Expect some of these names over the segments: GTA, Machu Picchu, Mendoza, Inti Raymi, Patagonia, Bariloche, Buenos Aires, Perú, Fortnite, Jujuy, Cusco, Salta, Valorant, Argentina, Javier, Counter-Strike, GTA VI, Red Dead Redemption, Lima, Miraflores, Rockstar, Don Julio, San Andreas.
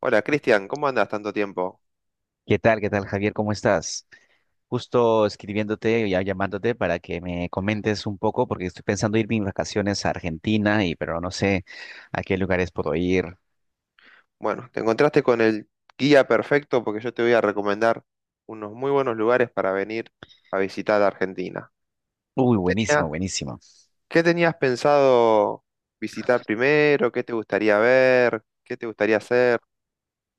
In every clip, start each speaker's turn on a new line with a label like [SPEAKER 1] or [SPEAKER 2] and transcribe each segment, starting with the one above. [SPEAKER 1] Hola Cristian, ¿cómo andas tanto tiempo?
[SPEAKER 2] ¿Qué tal? ¿Qué tal, Javier? ¿Cómo estás? Justo escribiéndote y ya llamándote para que me comentes un poco, porque estoy pensando irme en vacaciones a Argentina, pero no sé a qué lugares puedo ir.
[SPEAKER 1] Bueno, te encontraste con el guía perfecto porque yo te voy a recomendar unos muy buenos lugares para venir a visitar Argentina.
[SPEAKER 2] Uy, buenísimo,
[SPEAKER 1] Tenía-
[SPEAKER 2] buenísimo.
[SPEAKER 1] ¿Qué tenías pensado visitar primero? ¿Qué te gustaría ver? ¿Qué te gustaría hacer?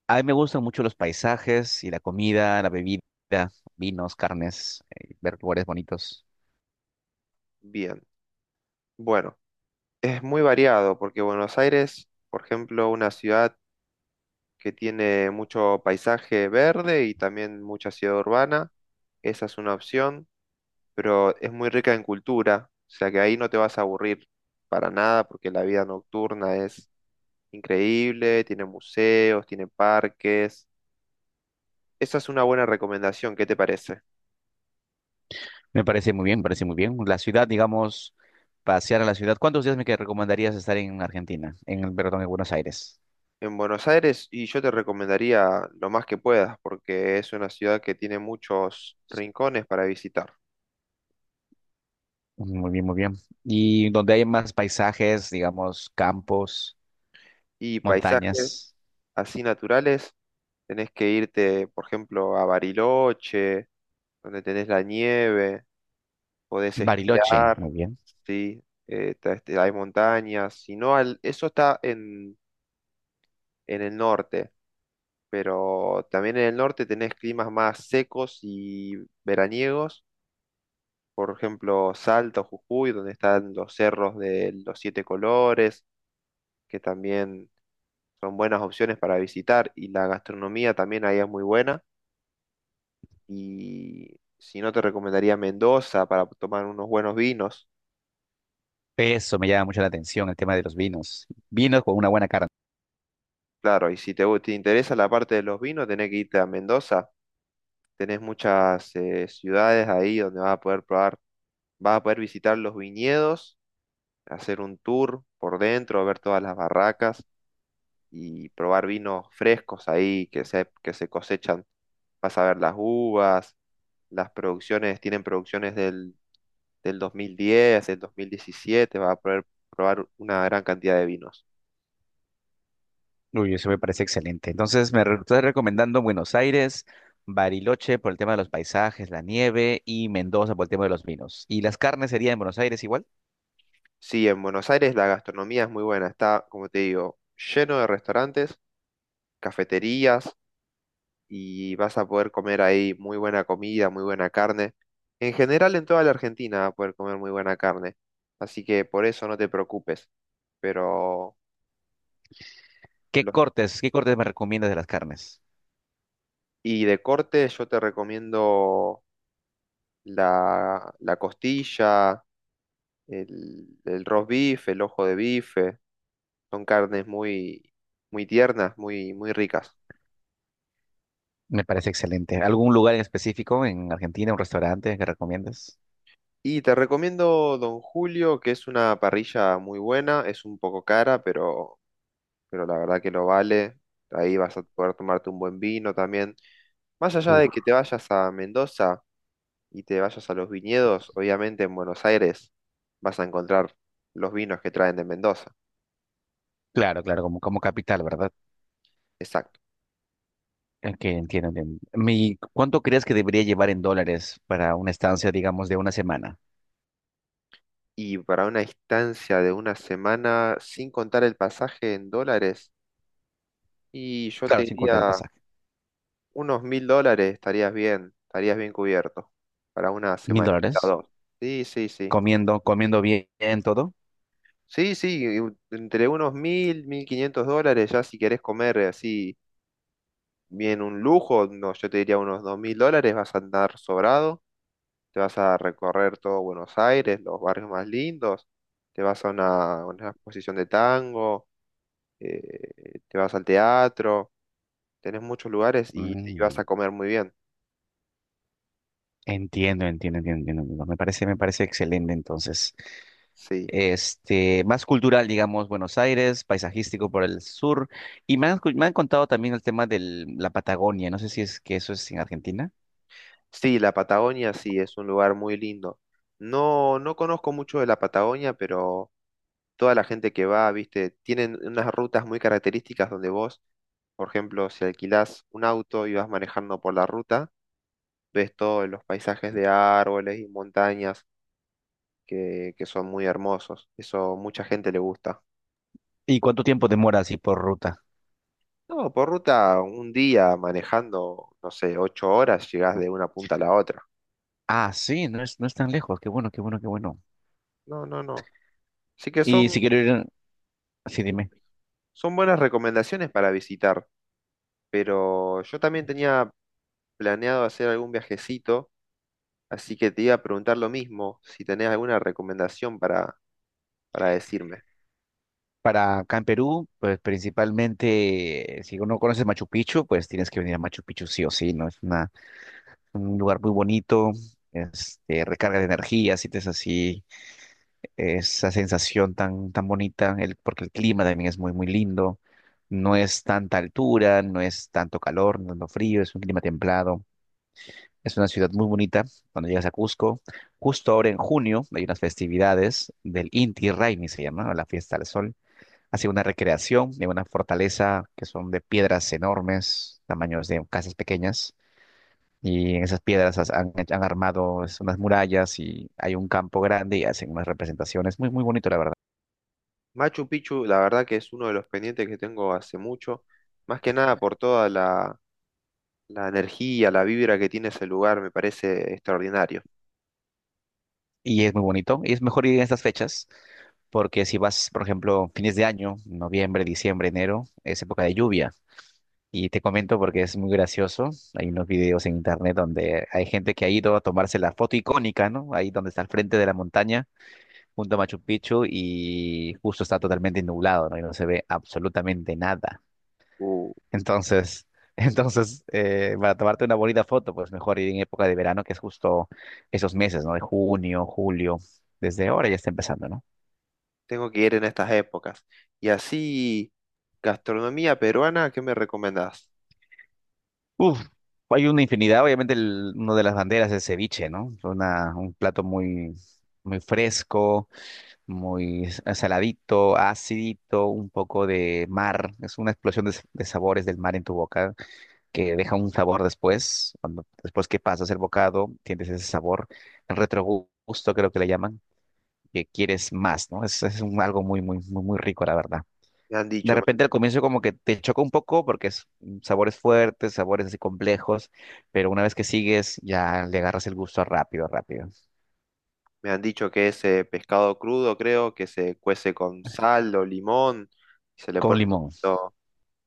[SPEAKER 2] A mí me gustan mucho los paisajes y la comida, la bebida, vinos, carnes, ver lugares bonitos.
[SPEAKER 1] Bien, bueno, es muy variado porque Buenos Aires, por ejemplo, una ciudad que tiene mucho paisaje verde y también mucha ciudad urbana, esa es una opción. Pero es muy rica en cultura, o sea que ahí no te vas a aburrir para nada porque la vida nocturna es increíble, tiene museos, tiene parques. Esa es una buena recomendación, ¿qué te parece?
[SPEAKER 2] Me parece muy bien, me parece muy bien. La ciudad, digamos, pasear a la ciudad. ¿Cuántos días me que recomendarías estar en Argentina, en, perdón, en Buenos Aires?
[SPEAKER 1] En Buenos Aires, y yo te recomendaría lo más que puedas, porque es una ciudad que tiene muchos rincones para visitar
[SPEAKER 2] Muy bien, muy bien. Y donde hay más paisajes, digamos, campos,
[SPEAKER 1] y paisajes
[SPEAKER 2] montañas,
[SPEAKER 1] así naturales. Tenés que irte, por ejemplo, a Bariloche, donde tenés la nieve. Podés
[SPEAKER 2] Bariloche, muy
[SPEAKER 1] esquiar,
[SPEAKER 2] bien.
[SPEAKER 1] sí, hay montañas, si no, al- eso está en el norte, pero también en el norte tenés climas más secos y veraniegos, por ejemplo, Salta o Jujuy, donde están los cerros de los siete colores, que también son buenas opciones para visitar, y la gastronomía también ahí es muy buena, y si no, te recomendaría Mendoza para tomar unos buenos vinos.
[SPEAKER 2] Eso me llama mucho la atención, el tema de los vinos. Vinos con una buena carne.
[SPEAKER 1] Claro, y si te interesa la parte de los vinos, tenés que irte a Mendoza. Tenés muchas ciudades ahí donde vas a poder probar, vas a poder visitar los viñedos, hacer un tour por dentro, ver todas las barracas y probar vinos frescos ahí que se cosechan. Vas a ver las uvas, las producciones, tienen producciones del 2010, del 2017. Vas a poder probar una gran cantidad de vinos.
[SPEAKER 2] Uy, eso me parece excelente. Entonces, estás recomendando Buenos Aires, Bariloche por el tema de los paisajes, la nieve y Mendoza por el tema de los vinos. ¿Y las carnes serían en Buenos Aires igual?
[SPEAKER 1] Sí, en Buenos Aires la gastronomía es muy buena. Está, como te digo, lleno de restaurantes, cafeterías y vas a poder comer ahí muy buena comida, muy buena carne. En general, en toda la Argentina vas a poder comer muy buena carne. Así que por eso no te preocupes. Pero, lo-
[SPEAKER 2] Qué cortes me recomiendas de las carnes?
[SPEAKER 1] y de corte yo te recomiendo la costilla, el roast beef, el ojo de bife. Son carnes muy, muy tiernas, muy, muy ricas.
[SPEAKER 2] Me parece excelente. ¿Algún lugar en específico en Argentina, un restaurante que recomiendas?
[SPEAKER 1] Y te recomiendo Don Julio, que es una parrilla muy buena, es un poco cara, pero la verdad que lo vale. Ahí vas a poder tomarte un buen vino también. Más allá de que
[SPEAKER 2] Uf.
[SPEAKER 1] te vayas a Mendoza y te vayas a los viñedos, obviamente en Buenos Aires vas a encontrar los vinos que traen de Mendoza.
[SPEAKER 2] Claro, claro, como, como capital, ¿verdad?
[SPEAKER 1] Exacto.
[SPEAKER 2] Que entiendo, entiendo. ¿Cuánto crees que debería llevar en dólares para una estancia, digamos, de una semana?
[SPEAKER 1] Y para una distancia de una semana, sin contar el pasaje en dólares, y yo
[SPEAKER 2] Claro,
[SPEAKER 1] te
[SPEAKER 2] sin contar el
[SPEAKER 1] diría
[SPEAKER 2] pasaje.
[SPEAKER 1] unos 1000 dólares, estarías bien cubierto para una
[SPEAKER 2] ¿Mil
[SPEAKER 1] semanita o
[SPEAKER 2] dólares?
[SPEAKER 1] dos. Sí, sí, sí.
[SPEAKER 2] ¿Comiendo, comiendo bien, todo?
[SPEAKER 1] Sí, sí, entre unos 1000, 1500 dólares, ya si querés comer así bien un lujo, no, yo te diría unos 2000 dólares, vas a andar sobrado, te vas a recorrer todo Buenos Aires, los barrios más lindos, te vas a una exposición de tango, te vas al teatro, tenés muchos lugares y vas
[SPEAKER 2] Mm,
[SPEAKER 1] a comer muy bien.
[SPEAKER 2] entiendo, entiendo, entiendo, entiendo. Entiendo. Me parece excelente, entonces.
[SPEAKER 1] Sí.
[SPEAKER 2] Este, más cultural, digamos, Buenos Aires, paisajístico por el sur. Y me han contado también el tema de la Patagonia. No sé si es que eso es en Argentina.
[SPEAKER 1] Sí, la Patagonia sí es un lugar muy lindo. No, no conozco mucho de la Patagonia, pero toda la gente que va, viste, tienen unas rutas muy características donde vos, por ejemplo, si alquilás un auto y vas manejando por la ruta, ves todos los paisajes de árboles y montañas que son muy hermosos. Eso mucha gente le gusta.
[SPEAKER 2] ¿Y cuánto tiempo demora así por ruta?
[SPEAKER 1] No, por ruta, un día manejando, no sé, 8 horas, llegás de una punta a la otra.
[SPEAKER 2] Ah, sí, no es, no es tan lejos. Qué bueno, qué bueno, qué bueno.
[SPEAKER 1] No, no, no. Así que
[SPEAKER 2] Y
[SPEAKER 1] son,
[SPEAKER 2] si quiero ir, sí, dime.
[SPEAKER 1] son buenas recomendaciones para visitar. Pero yo también tenía planeado hacer algún viajecito, así que te iba a preguntar lo mismo, si tenés alguna recomendación para decirme.
[SPEAKER 2] Para acá en Perú, pues principalmente, si uno conoce Machu Picchu, pues tienes que venir a Machu Picchu sí o sí, ¿no? Un lugar muy bonito, este, recarga de energía, sientes así esa sensación tan, tan bonita, porque el clima también es muy, muy lindo. No es tanta altura, no es tanto calor, no es lo frío, es un clima templado. Es una ciudad muy bonita cuando llegas a Cusco. Justo ahora en junio hay unas festividades del Inti Raymi, se llama, la fiesta del sol. Hace una recreación de una fortaleza que son de piedras enormes, tamaños de casas pequeñas. Y en esas piedras han armado unas murallas y hay un campo grande y hacen unas representaciones. Muy, muy bonito, la verdad.
[SPEAKER 1] Machu Picchu, la verdad que es uno de los pendientes que tengo hace mucho, más que nada por toda la energía, la vibra que tiene ese lugar, me parece extraordinario.
[SPEAKER 2] Y es muy bonito. Y es mejor ir en estas fechas porque si vas, por ejemplo, fines de año, noviembre, diciembre, enero, es época de lluvia. Y te comento porque es muy gracioso. Hay unos videos en internet donde hay gente que ha ido a tomarse la foto icónica, ¿no? Ahí donde está al frente de la montaña, junto a Machu Picchu, y justo está totalmente nublado, ¿no? Y no se ve absolutamente nada.
[SPEAKER 1] Uh,
[SPEAKER 2] Entonces, entonces para tomarte una bonita foto, pues mejor ir en época de verano, que es justo esos meses, ¿no? De junio, julio. Desde ahora ya está empezando, ¿no?
[SPEAKER 1] tengo que ir en estas épocas. Y así, gastronomía peruana, ¿qué me recomendás?
[SPEAKER 2] Uf, hay una infinidad. Obviamente, una de las banderas es ceviche, ¿no? Una, un plato muy, muy fresco muy saladito, acidito, un poco de mar. Es una explosión de sabores del mar en tu boca que deja un sabor después. Cuando, después que pasas el bocado, tienes ese sabor, el retrogusto creo que le llaman, que quieres más, ¿no? Es, algo muy, muy, muy, muy rico, la verdad.
[SPEAKER 1] Me han
[SPEAKER 2] De
[SPEAKER 1] dicho,
[SPEAKER 2] repente al comienzo como que te choca un poco porque es sabores fuertes, sabores así complejos, pero una vez que sigues ya le agarras el gusto rápido, rápido.
[SPEAKER 1] me han dicho que es pescado crudo, creo, que se cuece con sal o limón, y se le
[SPEAKER 2] Con
[SPEAKER 1] pone un
[SPEAKER 2] limón.
[SPEAKER 1] poquito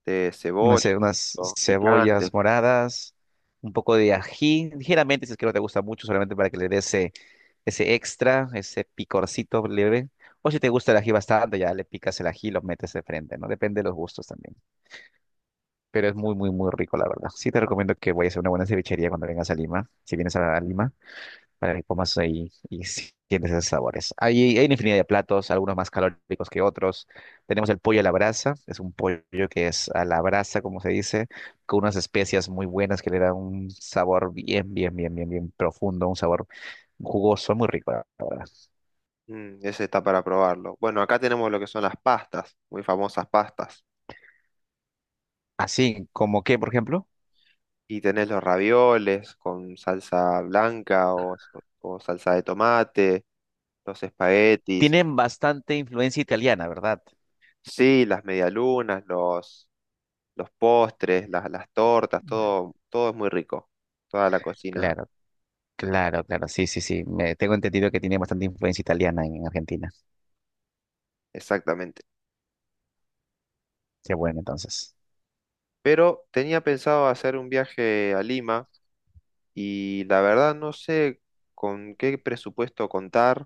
[SPEAKER 1] de
[SPEAKER 2] Unas,
[SPEAKER 1] cebolla,
[SPEAKER 2] ce- unas
[SPEAKER 1] o picante.
[SPEAKER 2] cebollas moradas, un poco de ají, ligeramente si es que no te gusta mucho, solamente para que le dé ese, ese extra, ese picorcito leve. O si te gusta el ají bastante, ya le picas el ají y lo metes de frente, ¿no? Depende de los gustos también. Pero es muy, muy, muy rico, la verdad. Sí te recomiendo que vayas a una buena cevichería cuando vengas a Lima, si vienes a Lima para que comas ahí y sientes esos sabores. Hay una infinidad de platos, algunos más calóricos que otros. Tenemos el pollo a la brasa, es un pollo que es a la brasa, como se dice, con unas especias muy buenas que le dan un sabor bien, bien, bien, bien, bien profundo, un sabor jugoso, muy rico, la verdad.
[SPEAKER 1] Mm, ese está para probarlo. Bueno, acá tenemos lo que son las pastas, muy famosas pastas.
[SPEAKER 2] Así como que, por ejemplo,
[SPEAKER 1] Y tenés los ravioles con salsa blanca o salsa de tomate, los espaguetis,
[SPEAKER 2] tienen bastante influencia italiana, ¿verdad?
[SPEAKER 1] sí, las medialunas, los postres, las tortas, todo, todo es muy rico. Toda la cocina,
[SPEAKER 2] Claro. Claro, claro, sí, sí, sí. Tengo entendido que tiene bastante influencia italiana en Argentina.
[SPEAKER 1] exactamente.
[SPEAKER 2] Qué bueno, entonces.
[SPEAKER 1] Pero tenía pensado hacer un viaje a Lima y la verdad no sé con qué presupuesto contar,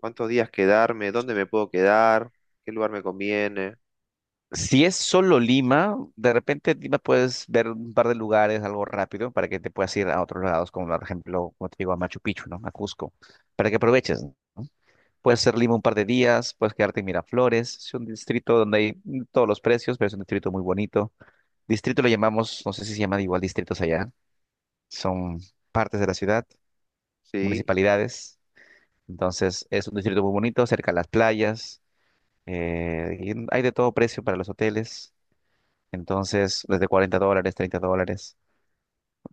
[SPEAKER 1] cuántos días quedarme, dónde me puedo quedar, qué lugar me conviene,
[SPEAKER 2] Si es solo Lima, de repente en Lima puedes ver un par de lugares, algo rápido, para que te puedas ir a otros lados, como por ejemplo, como te digo, a Machu Picchu, ¿no? A Cusco, para que aproveches, ¿no? Puedes ser Lima un par de días, puedes quedarte en Miraflores, es un distrito donde hay todos los precios, pero es un distrito muy bonito. Distrito lo llamamos, no sé si se llaman igual distritos allá, son partes de la ciudad,
[SPEAKER 1] ¿sí?
[SPEAKER 2] municipalidades, entonces es un distrito muy bonito, cerca a las playas, y hay de todo precio para los hoteles. Entonces, desde $40, $30.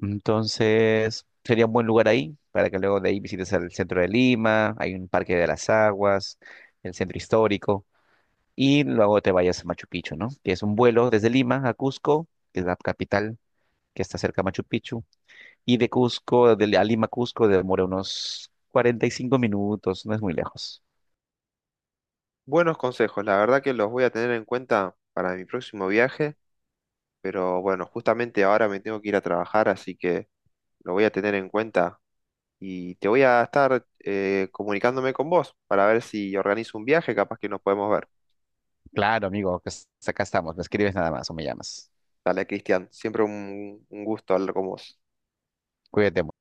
[SPEAKER 2] Entonces, sería un buen lugar ahí para que luego de ahí visites el centro de Lima, hay un parque de las aguas, el centro histórico, y luego te vayas a Machu Picchu, ¿no? Tienes un vuelo desde Lima a Cusco, que es la capital que está cerca de Machu Picchu, y de Cusco, a Lima, Cusco, demora unos 45 minutos, no es muy lejos.
[SPEAKER 1] Buenos consejos, la verdad que los voy a tener en cuenta para mi próximo viaje, pero bueno, justamente ahora me tengo que ir a trabajar, así que lo voy a tener en cuenta y te voy a estar comunicándome con vos para ver si organizo un viaje, capaz que nos podemos ver.
[SPEAKER 2] Claro, amigo, pues, acá estamos, me escribes nada más o me llamas.
[SPEAKER 1] Dale, Cristian, siempre un gusto hablar con vos.
[SPEAKER 2] Cuídate. Mucho.